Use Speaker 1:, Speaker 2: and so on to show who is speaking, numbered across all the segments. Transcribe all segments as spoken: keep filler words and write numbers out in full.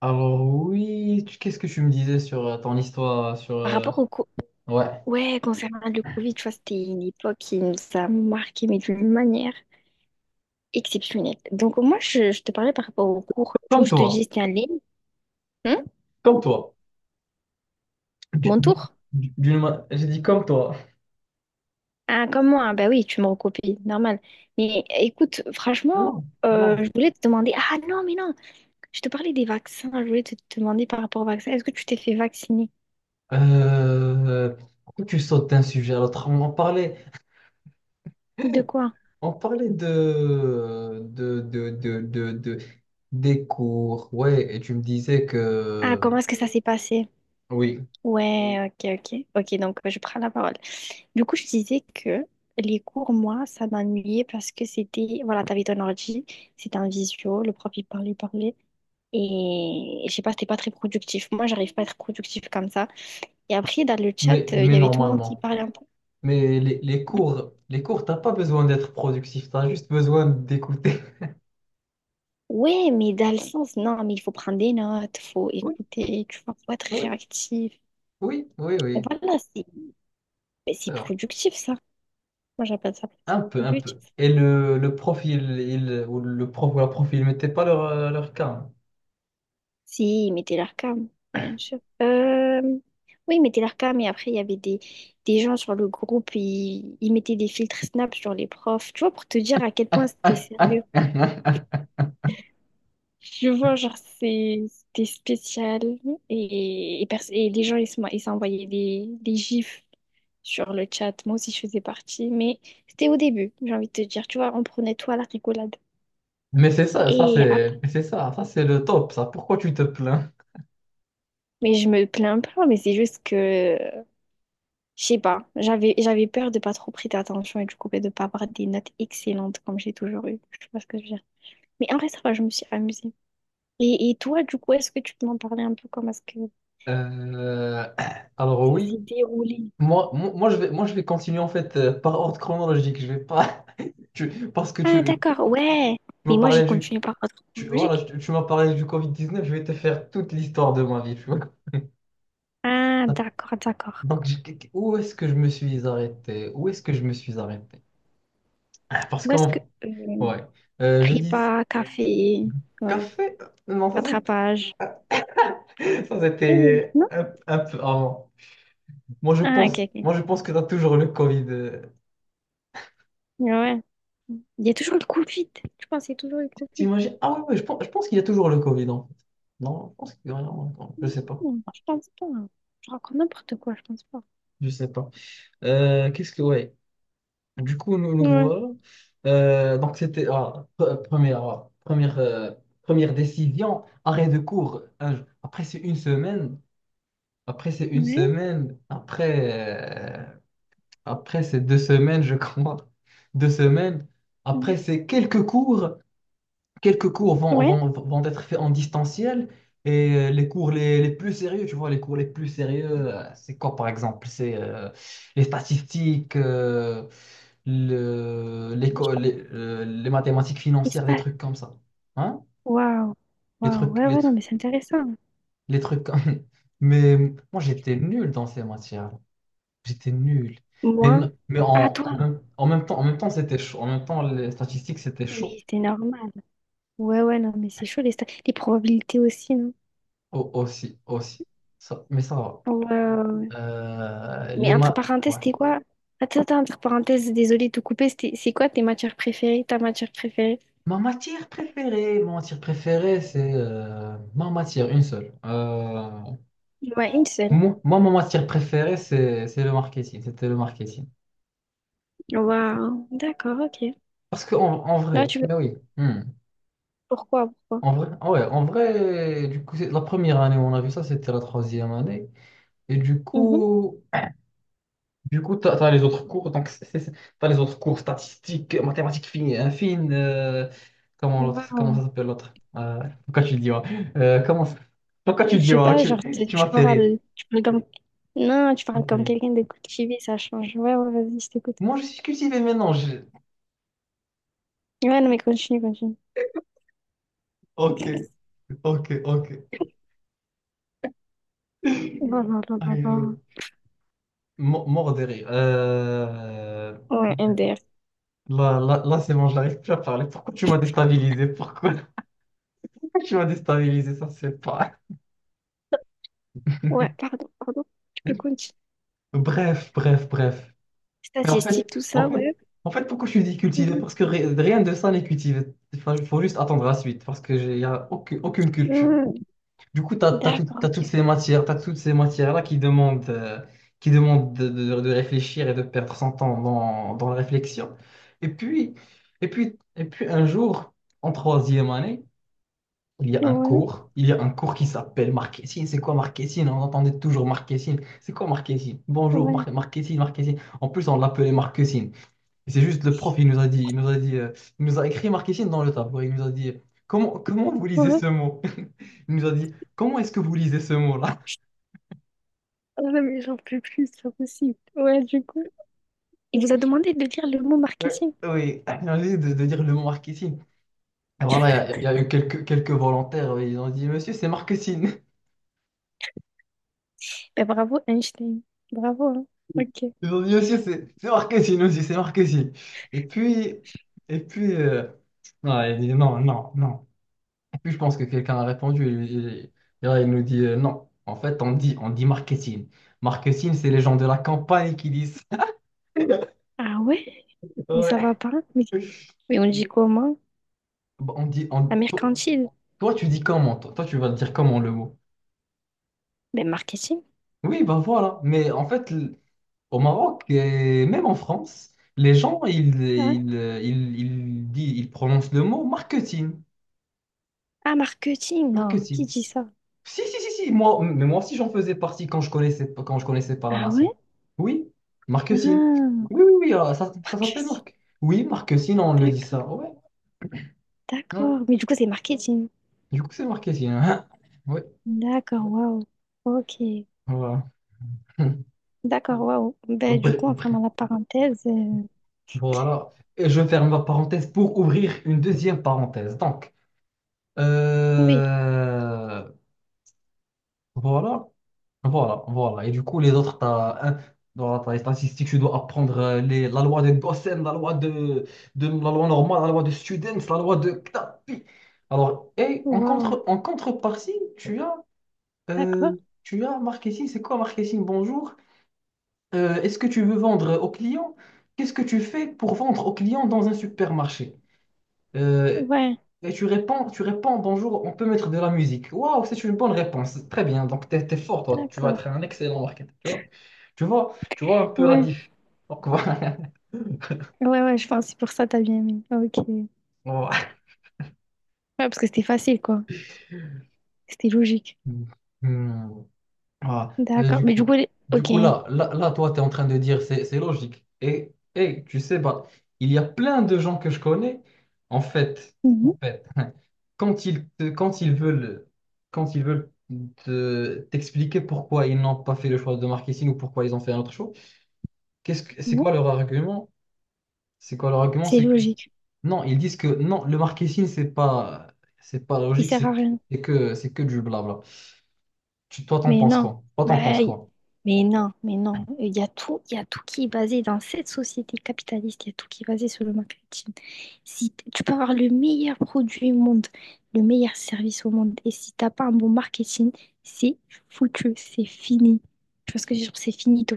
Speaker 1: Alors oui, tu- qu'est-ce que tu me disais sur euh, ton histoire, euh, sur
Speaker 2: Par
Speaker 1: euh,
Speaker 2: rapport au co-
Speaker 1: ouais,
Speaker 2: ouais, concernant le Covid, tu vois, c'était une époque qui nous a marqué, mais d'une manière exceptionnelle. Donc, moi, je, je te parlais par rapport au cours. Du coup
Speaker 1: comme
Speaker 2: je te dis,
Speaker 1: toi,
Speaker 2: c'était en ligne. Hein.
Speaker 1: comme toi. Du-
Speaker 2: Mon
Speaker 1: du-
Speaker 2: tour?
Speaker 1: du- d'une ma- j'ai dit comme toi.
Speaker 2: Ah, comme moi, ah, bah oui, tu me recopies, normal. Mais écoute,
Speaker 1: Non,
Speaker 2: franchement,
Speaker 1: non.
Speaker 2: euh, je voulais te demander. Ah non, mais non, je te parlais des vaccins. Je voulais te te demander par rapport au vaccin. Est-ce que tu t'es fait vacciner?
Speaker 1: Euh, Pourquoi tu sautes d'un sujet à l'autre? On en parlait,
Speaker 2: De quoi?
Speaker 1: on parlait de, de, de, de, de, de- des cours, ouais, et tu me disais
Speaker 2: Ah,
Speaker 1: que
Speaker 2: comment est-ce que ça s'est passé?
Speaker 1: oui,
Speaker 2: Ouais, ok, ok. Ok, donc euh, je prends la parole. Du coup, je disais que les cours, moi, ça m'ennuyait parce que c'était, voilà, t'avais ton ordi, c'était un visio, le prof, il parlait, il parlait, et je sais pas, c'était pas très productif. Moi, j'arrive pas à être productif comme ça. Et après, dans le
Speaker 1: mais,
Speaker 2: chat, euh, il
Speaker 1: mais
Speaker 2: y avait tout le monde qui
Speaker 1: normalement,
Speaker 2: parlait un peu.
Speaker 1: mais les, les cours, les cours, t'as pas besoin d'être productif, t'as juste besoin d'écouter.
Speaker 2: Ouais, mais dans le sens, non, mais il faut prendre des notes, faut
Speaker 1: Oui,
Speaker 2: écouter, tu vois, faut être
Speaker 1: oui,
Speaker 2: réactif.
Speaker 1: oui, oui. Oui.
Speaker 2: Voilà, c'est, mais c'est
Speaker 1: Euh,
Speaker 2: productif, ça. Moi, j'appelle ça
Speaker 1: Un peu, un
Speaker 2: productif.
Speaker 1: peu. Et le, le profil, il, ou le prof ou la prof, ils mettaient pas leur, euh, leur cas.
Speaker 2: Si, il mettait leur cam, bien sûr. Euh, Oui, il mettait leur cam et après, il y avait des, des gens sur le groupe, ils, ils mettaient des filtres Snap sur les profs, tu vois, pour te dire à quel point c'était sérieux.
Speaker 1: Hein.
Speaker 2: Je vois, genre, c'est- c'était spécial et, et, pers- et les gens, ils se ils s'envoyaient des, des gifs sur le chat. Moi aussi, je faisais partie, mais c'était au début, j'ai envie de te dire, tu vois, on prenait tout à la rigolade.
Speaker 1: Mais c'est ça, ça
Speaker 2: Et
Speaker 1: c'est,
Speaker 2: après,
Speaker 1: mais c'est ça, ça c'est le top, ça. Pourquoi tu te plains?
Speaker 2: mais je me plains pas, mais c'est juste que je sais pas, j'avais j'avais peur de pas trop prêter attention et du coup ben, de pas avoir des notes excellentes comme j'ai toujours eu. Je sais pas ce que je veux dire. Mais en vrai, ça va, je me suis amusée. Et, et toi, du coup, est-ce que tu peux m'en parler un peu comment est-ce que
Speaker 1: Euh, alors
Speaker 2: ça
Speaker 1: oui,
Speaker 2: s'est déroulé?
Speaker 1: moi, moi, moi, je vais, moi je vais continuer en fait euh, par ordre chronologique. Je vais pas, tu- parce que
Speaker 2: Ah,
Speaker 1: tu,
Speaker 2: d'accord, ouais.
Speaker 1: tu m'as
Speaker 2: Mais moi, j'ai
Speaker 1: parlé du,
Speaker 2: continué par ordre
Speaker 1: tu, voilà,
Speaker 2: chronologique.
Speaker 1: tu, tu m'as parlé du covid dix-neuf. Je vais te faire toute l'histoire de ma vie. Tu vois.
Speaker 2: Ah, d'accord, d'accord.
Speaker 1: Donc je- Où est-ce que je me suis arrêté? Où est-ce que je me suis arrêté? Parce
Speaker 2: Où est-ce que
Speaker 1: qu'en
Speaker 2: euh,
Speaker 1: ouais, Euh, je dis
Speaker 2: prépa, café, ouais,
Speaker 1: café. Non, ça c'était
Speaker 2: rattrapage.
Speaker 1: ça,
Speaker 2: Eh,
Speaker 1: c'était
Speaker 2: non?
Speaker 1: un, un peu avant. Moi je
Speaker 2: Ah, ok,
Speaker 1: pense,
Speaker 2: ok.
Speaker 1: moi je pense que t'as toujours le Covid. euh.
Speaker 2: Ouais. Il y a toujours le Covid. Tu penses il y a toujours le Covid.
Speaker 1: T'imagines? Ah ouais ouais je pense, je pense qu'il y a toujours le Covid en fait. Non, je pense qu'il y a non, non, je sais pas.
Speaker 2: Non, je pense pas, hein. Je raconte n'importe quoi, je pense pas.
Speaker 1: Je sais pas. Euh, qu'est-ce que Ouais. Du coup, nous nous
Speaker 2: Ouais.
Speaker 1: voilà. Euh, donc c'était ah, pre- première ah, première euh, première décision, arrêt de cours. Un- jour. Après c'est une semaine. Après c'est une
Speaker 2: Ouais,
Speaker 1: semaine. Après euh, Après ces deux semaines, je crois, deux semaines,
Speaker 2: ouais.
Speaker 1: après ces quelques cours, quelques cours vont,
Speaker 2: Ouais,
Speaker 1: vont, vont être faits en distanciel, et euh, les cours les, les plus sérieux, tu vois, les cours les plus sérieux, euh, c'est quoi par exemple? C'est euh, les statistiques, euh, le, l'éco- les, euh, les mathématiques financières, des
Speaker 2: espace.
Speaker 1: trucs comme ça. Hein?
Speaker 2: Waouh.
Speaker 1: Les
Speaker 2: Waouh,
Speaker 1: trucs,
Speaker 2: ouais,
Speaker 1: les,
Speaker 2: ouais, non,
Speaker 1: tru-
Speaker 2: mais c'est intéressant.
Speaker 1: les trucs comme... Mais moi, j'étais nul dans ces matières. J'étais nul. Mais,
Speaker 2: Moi,
Speaker 1: non- mais
Speaker 2: ah,
Speaker 1: en,
Speaker 2: toi.
Speaker 1: en même, en même temps, En même temps, c'était chaud. En même temps, les statistiques, c'était chaud.
Speaker 2: Oui, c'est normal. Ouais, ouais, non, mais c'est chaud, les, sta- les probabilités aussi, non?
Speaker 1: Au- aussi, aussi. Ça- mais ça va.
Speaker 2: Ouais, ouais, ouais.
Speaker 1: Euh, les
Speaker 2: Mais entre
Speaker 1: ma...
Speaker 2: parenthèses,
Speaker 1: ouais.
Speaker 2: c'était quoi? Attends, attends, entre parenthèses, désolé de te couper, c'était- c'est quoi tes matières préférées, ta matière préférée?
Speaker 1: Ma matière préférée, ma matière préférée, c'est euh, ma matière, une seule. Euh,
Speaker 2: Ouais, une seule.
Speaker 1: moi, moi, ma matière préférée, c'est c'est le marketing. C'était le marketing.
Speaker 2: Waouh, d'accord, ok.
Speaker 1: Parce que en, en
Speaker 2: Là,
Speaker 1: vrai,
Speaker 2: tu veux
Speaker 1: mais oui. Hmm.
Speaker 2: pourquoi, pourquoi?
Speaker 1: En vrai, ah ouais, en vrai, du coup, c'est- la première année où on a vu ça, c'était la troisième année. Et du
Speaker 2: Mhm.
Speaker 1: coup. Du coup, tu as, les autres cours, donc tu as les autres cours statistiques, mathématiques fines, hein, fines, euh, comment l'autre,
Speaker 2: Waouh.
Speaker 1: comment ça s'appelle l'autre? Euh, pourquoi tu le dis, ouais. Euh, comment ça- Pourquoi tu le
Speaker 2: Je
Speaker 1: dis,
Speaker 2: sais
Speaker 1: ouais,
Speaker 2: pas, genre,
Speaker 1: tu,
Speaker 2: t-
Speaker 1: tu
Speaker 2: tu
Speaker 1: m'as fait rire.
Speaker 2: parles, tu parles comme... Non, tu
Speaker 1: Tu
Speaker 2: parles
Speaker 1: m'as fait
Speaker 2: comme
Speaker 1: rire.
Speaker 2: quelqu'un de cultivé, ça change. Ouais, ouais, vas-y, je t'écoute.
Speaker 1: Moi, je suis cultivé maintenant. je-
Speaker 2: Ouais, non, mais continue, continue.
Speaker 1: Ok, ok, ok.
Speaker 2: Oh
Speaker 1: Aïe,
Speaker 2: là là là
Speaker 1: aïe, aïe.
Speaker 2: là.
Speaker 1: Mo- Mort de rire. Euh,
Speaker 2: Ouais, M D R.
Speaker 1: Là, là, là c'est bon, j'arrive plus à parler. Pourquoi tu m'as déstabilisé? Pourquoi, pourquoi tu m'as déstabilisé? Ça, c'est pas.
Speaker 2: Ouais, pardon, pardon. Tu peux continuer.
Speaker 1: Bref, bref, bref. Mais en
Speaker 2: Statistiques,
Speaker 1: fait,
Speaker 2: tout ça,
Speaker 1: en fait,
Speaker 2: ouais.
Speaker 1: En fait, pourquoi je suis dit cultivé?
Speaker 2: Mhm.
Speaker 1: Parce que ri- rien de ça n'est cultivé. Enfin, il faut juste attendre la suite, parce que j'ai y a aucune, aucune culture.
Speaker 2: Mhm.
Speaker 1: Du coup, tu as,
Speaker 2: D'accord,
Speaker 1: toutes
Speaker 2: ok.
Speaker 1: ces matières, t'as toutes ces matières-là qui demandent, euh, qui demandent de, de- de réfléchir et de perdre son temps dans, dans la réflexion. Et puis, et puis, et puis, un jour, en troisième année, il y a un
Speaker 2: Ouais,
Speaker 1: cours, il y a un cours qui s'appelle marketing. C'est quoi marketing? On entendait toujours marketing. C'est quoi marketing? Bonjour,
Speaker 2: ouais,
Speaker 1: mar- marketing, marketing. En plus, on l'appelait marketing. Et c'est juste le prof, il nous a dit, il nous a dit, euh, il nous a écrit marketing dans le tableau. Il nous a dit, comment, comment vous lisez
Speaker 2: ouais.
Speaker 1: ce mot? Il nous a dit, comment est-ce que vous lisez ce mot-là?
Speaker 2: Ah non, mais j'en peux plus, c'est pas possible. Ouais, du coup. Il vous a demandé de lire le mot
Speaker 1: Ouais.
Speaker 2: marketing.
Speaker 1: Oui, il a dit de, de dire le mot marketing. Et voilà, il y, a il y a eu quelques, quelques volontaires, oui, ils ont dit, monsieur, c'est marketing.
Speaker 2: Ben bravo, Einstein. Bravo, hein. Ok.
Speaker 1: Ils ont dit, monsieur, c'est c'est marketing aussi, c'est marketing. Et puis, et puis, euh, non, il dit, non, non, non. Puis je pense que quelqu'un a répondu et, et- et là il nous dit euh, non. En fait, on dit, on dit marketing. Marketing, c'est les gens de la campagne qui disent.
Speaker 2: Ah ouais? Mais ça va
Speaker 1: Ouais.
Speaker 2: pas? Mais, mais on dit comment?
Speaker 1: Bah, On dit,
Speaker 2: La
Speaker 1: on- to-
Speaker 2: mercantile.
Speaker 1: Toi, tu dis comment? Toi, toi, tu vas le dire comment le mot?
Speaker 2: Mais marketing?
Speaker 1: Oui, bah voilà. Mais en fait, l- au Maroc et même en France, les gens, ils,
Speaker 2: Ah ouais.
Speaker 1: ils, euh, ils, ils disent- ils prononcent le mot marketing.
Speaker 2: Ah, marketing, non, qui
Speaker 1: Marketing.
Speaker 2: dit ça?
Speaker 1: Si, si, si, si, moi, mais moi aussi j'en faisais partie quand je connaissais, quand je connaissais pas
Speaker 2: Ah
Speaker 1: Marc.
Speaker 2: ouais?
Speaker 1: Oui, Marquesine.
Speaker 2: Ah,
Speaker 1: Oui, oui, oui, alors, ça, ça s'appelle
Speaker 2: marketing.
Speaker 1: Marc. Oui, Marquesine, on le dit ça.
Speaker 2: D'accord,
Speaker 1: Ouais,
Speaker 2: d'accord.
Speaker 1: ouais.
Speaker 2: Mais du coup, c'est marketing.
Speaker 1: Du coup, c'est Marquesine. Hein. Ouais,
Speaker 2: D'accord, waouh. Ok.
Speaker 1: voilà.
Speaker 2: D'accord, waouh. Ben, du
Speaker 1: Bref,
Speaker 2: coup, en
Speaker 1: bref,
Speaker 2: fermant la parenthèse, euh,
Speaker 1: voilà. Et je ferme ma parenthèse pour ouvrir une deuxième parenthèse. Donc,
Speaker 2: oui,
Speaker 1: euh, voilà. Voilà, voilà. Et du coup, les autres, t'as as, dans les statistique, tu dois apprendre euh, les, la loi de Gossen, la loi de, de la loi normale, la loi de Students, la loi de Knapi. Alors, et en
Speaker 2: waouh.
Speaker 1: contre, en contrepartie, tu as,
Speaker 2: D'accord.
Speaker 1: euh, tu as marketing. C'est quoi marketing? Bonjour. Euh, est-ce que tu veux vendre aux clients? Qu'est-ce que tu fais pour vendre aux clients dans un supermarché? Euh,
Speaker 2: Ouais,
Speaker 1: et tu réponds, tu réponds, bonjour, on peut mettre de la musique. Waouh, c'est une bonne réponse. Très bien, donc t'es, t'es fort, toi. Tu vas
Speaker 2: d'accord.
Speaker 1: être un excellent marketeur, tu vois. Tu vois, tu vois un peu la
Speaker 2: Ouais,
Speaker 1: diff. Donc voilà.
Speaker 2: ouais, ouais, je pense que c'est pour ça que t'as bien aimé. Ok. Ouais,
Speaker 1: Voilà.
Speaker 2: parce que c'était facile, quoi. C'était logique.
Speaker 1: Hmm. Ah, et
Speaker 2: D'accord.
Speaker 1: du
Speaker 2: Mais du
Speaker 1: coup,
Speaker 2: coup, les-
Speaker 1: du
Speaker 2: ok.
Speaker 1: coup là, là, là, toi, tu es en train de dire c'est c'est logique. Et, et tu sais, bah, il y a plein de gens que je connais, en fait,
Speaker 2: Mhm.
Speaker 1: en fait, quand ils, te- quand ils veulent, quand ils veulent te- t'expliquer pourquoi ils n'ont pas fait le choix de marketing ou pourquoi ils ont fait un autre choix, qu'est-ce que, c'est
Speaker 2: Mhm.
Speaker 1: quoi leur argument? C'est quoi leur argument?
Speaker 2: C'est
Speaker 1: C'est que
Speaker 2: logique.
Speaker 1: Non, ils disent que non, le marketing, c'est pas, c'est pas
Speaker 2: Il
Speaker 1: logique,
Speaker 2: sert
Speaker 1: c'est
Speaker 2: à
Speaker 1: que,
Speaker 2: rien.
Speaker 1: c'est que, c'est que du blabla. Tu, toi, t'en
Speaker 2: Mais
Speaker 1: penses
Speaker 2: non,
Speaker 1: quoi? Toi, t'en penses
Speaker 2: bah, y-
Speaker 1: quoi?
Speaker 2: mais non, mais non. Il y a tout, il y a tout qui est basé dans cette société capitaliste, il y a tout qui est basé sur le marketing. Si t- tu peux avoir le meilleur produit au monde, le meilleur service au monde, et si t'as pas un bon marketing, c'est foutu, c'est fini. Tu vois ce que je veux dire? C'est finito.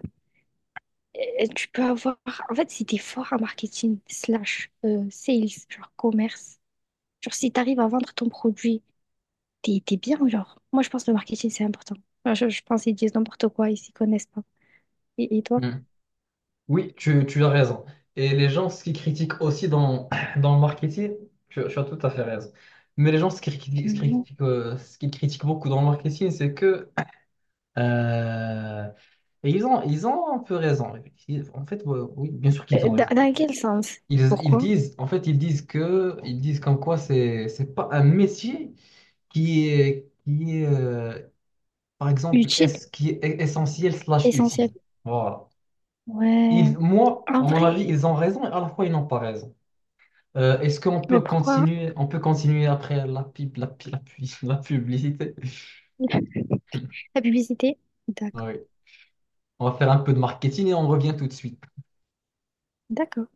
Speaker 2: Euh, euh, tu peux avoir, en fait, si t'es fort en marketing slash euh, sales, genre commerce, genre si t'arrives à vendre ton produit t'es, t'es bien, genre. Moi, je pense que le marketing, c'est important. Enfin, je, je pense qu'ils disent n'importe quoi, ils s'y connaissent pas. Et, et toi?
Speaker 1: Hmm. Oui, tu, tu as raison. Et les gens, ce qu'ils critiquent aussi dans, dans le marketing, tu, tu as tout à fait raison. Mais les gens, ce qu'ils critiquent, ce qu'ils
Speaker 2: Mhm.
Speaker 1: critiquent, euh, ce qu'ils critiquent beaucoup dans le marketing, c'est que... euh, et ils ont, ils ont un peu raison. Ils- En fait, ouais, oui, bien sûr qu'ils
Speaker 2: Euh,
Speaker 1: ont
Speaker 2: Dans,
Speaker 1: raison.
Speaker 2: dans quel sens?
Speaker 1: Ils, ils
Speaker 2: Pourquoi?
Speaker 1: disent, en fait, ils disent que, ils disent comme quoi c'est, c'est pas un métier qui est, qui est, euh, par exemple,
Speaker 2: Utile,
Speaker 1: est qui est essentiel slash
Speaker 2: essentiel.
Speaker 1: utile. Voilà.
Speaker 2: Ouais,
Speaker 1: Ils, moi,
Speaker 2: en
Speaker 1: à mon avis,
Speaker 2: vrai,
Speaker 1: ils ont raison et à la fois, ils n'ont pas raison. Euh, est-ce qu'on
Speaker 2: mais
Speaker 1: peut
Speaker 2: pourquoi?
Speaker 1: continuer, On peut continuer après la pub, la, pi- la, pu- la publicité?
Speaker 2: La publicité? D'accord.
Speaker 1: Oui. On va faire un peu de marketing et on revient tout de suite.
Speaker 2: D'accord.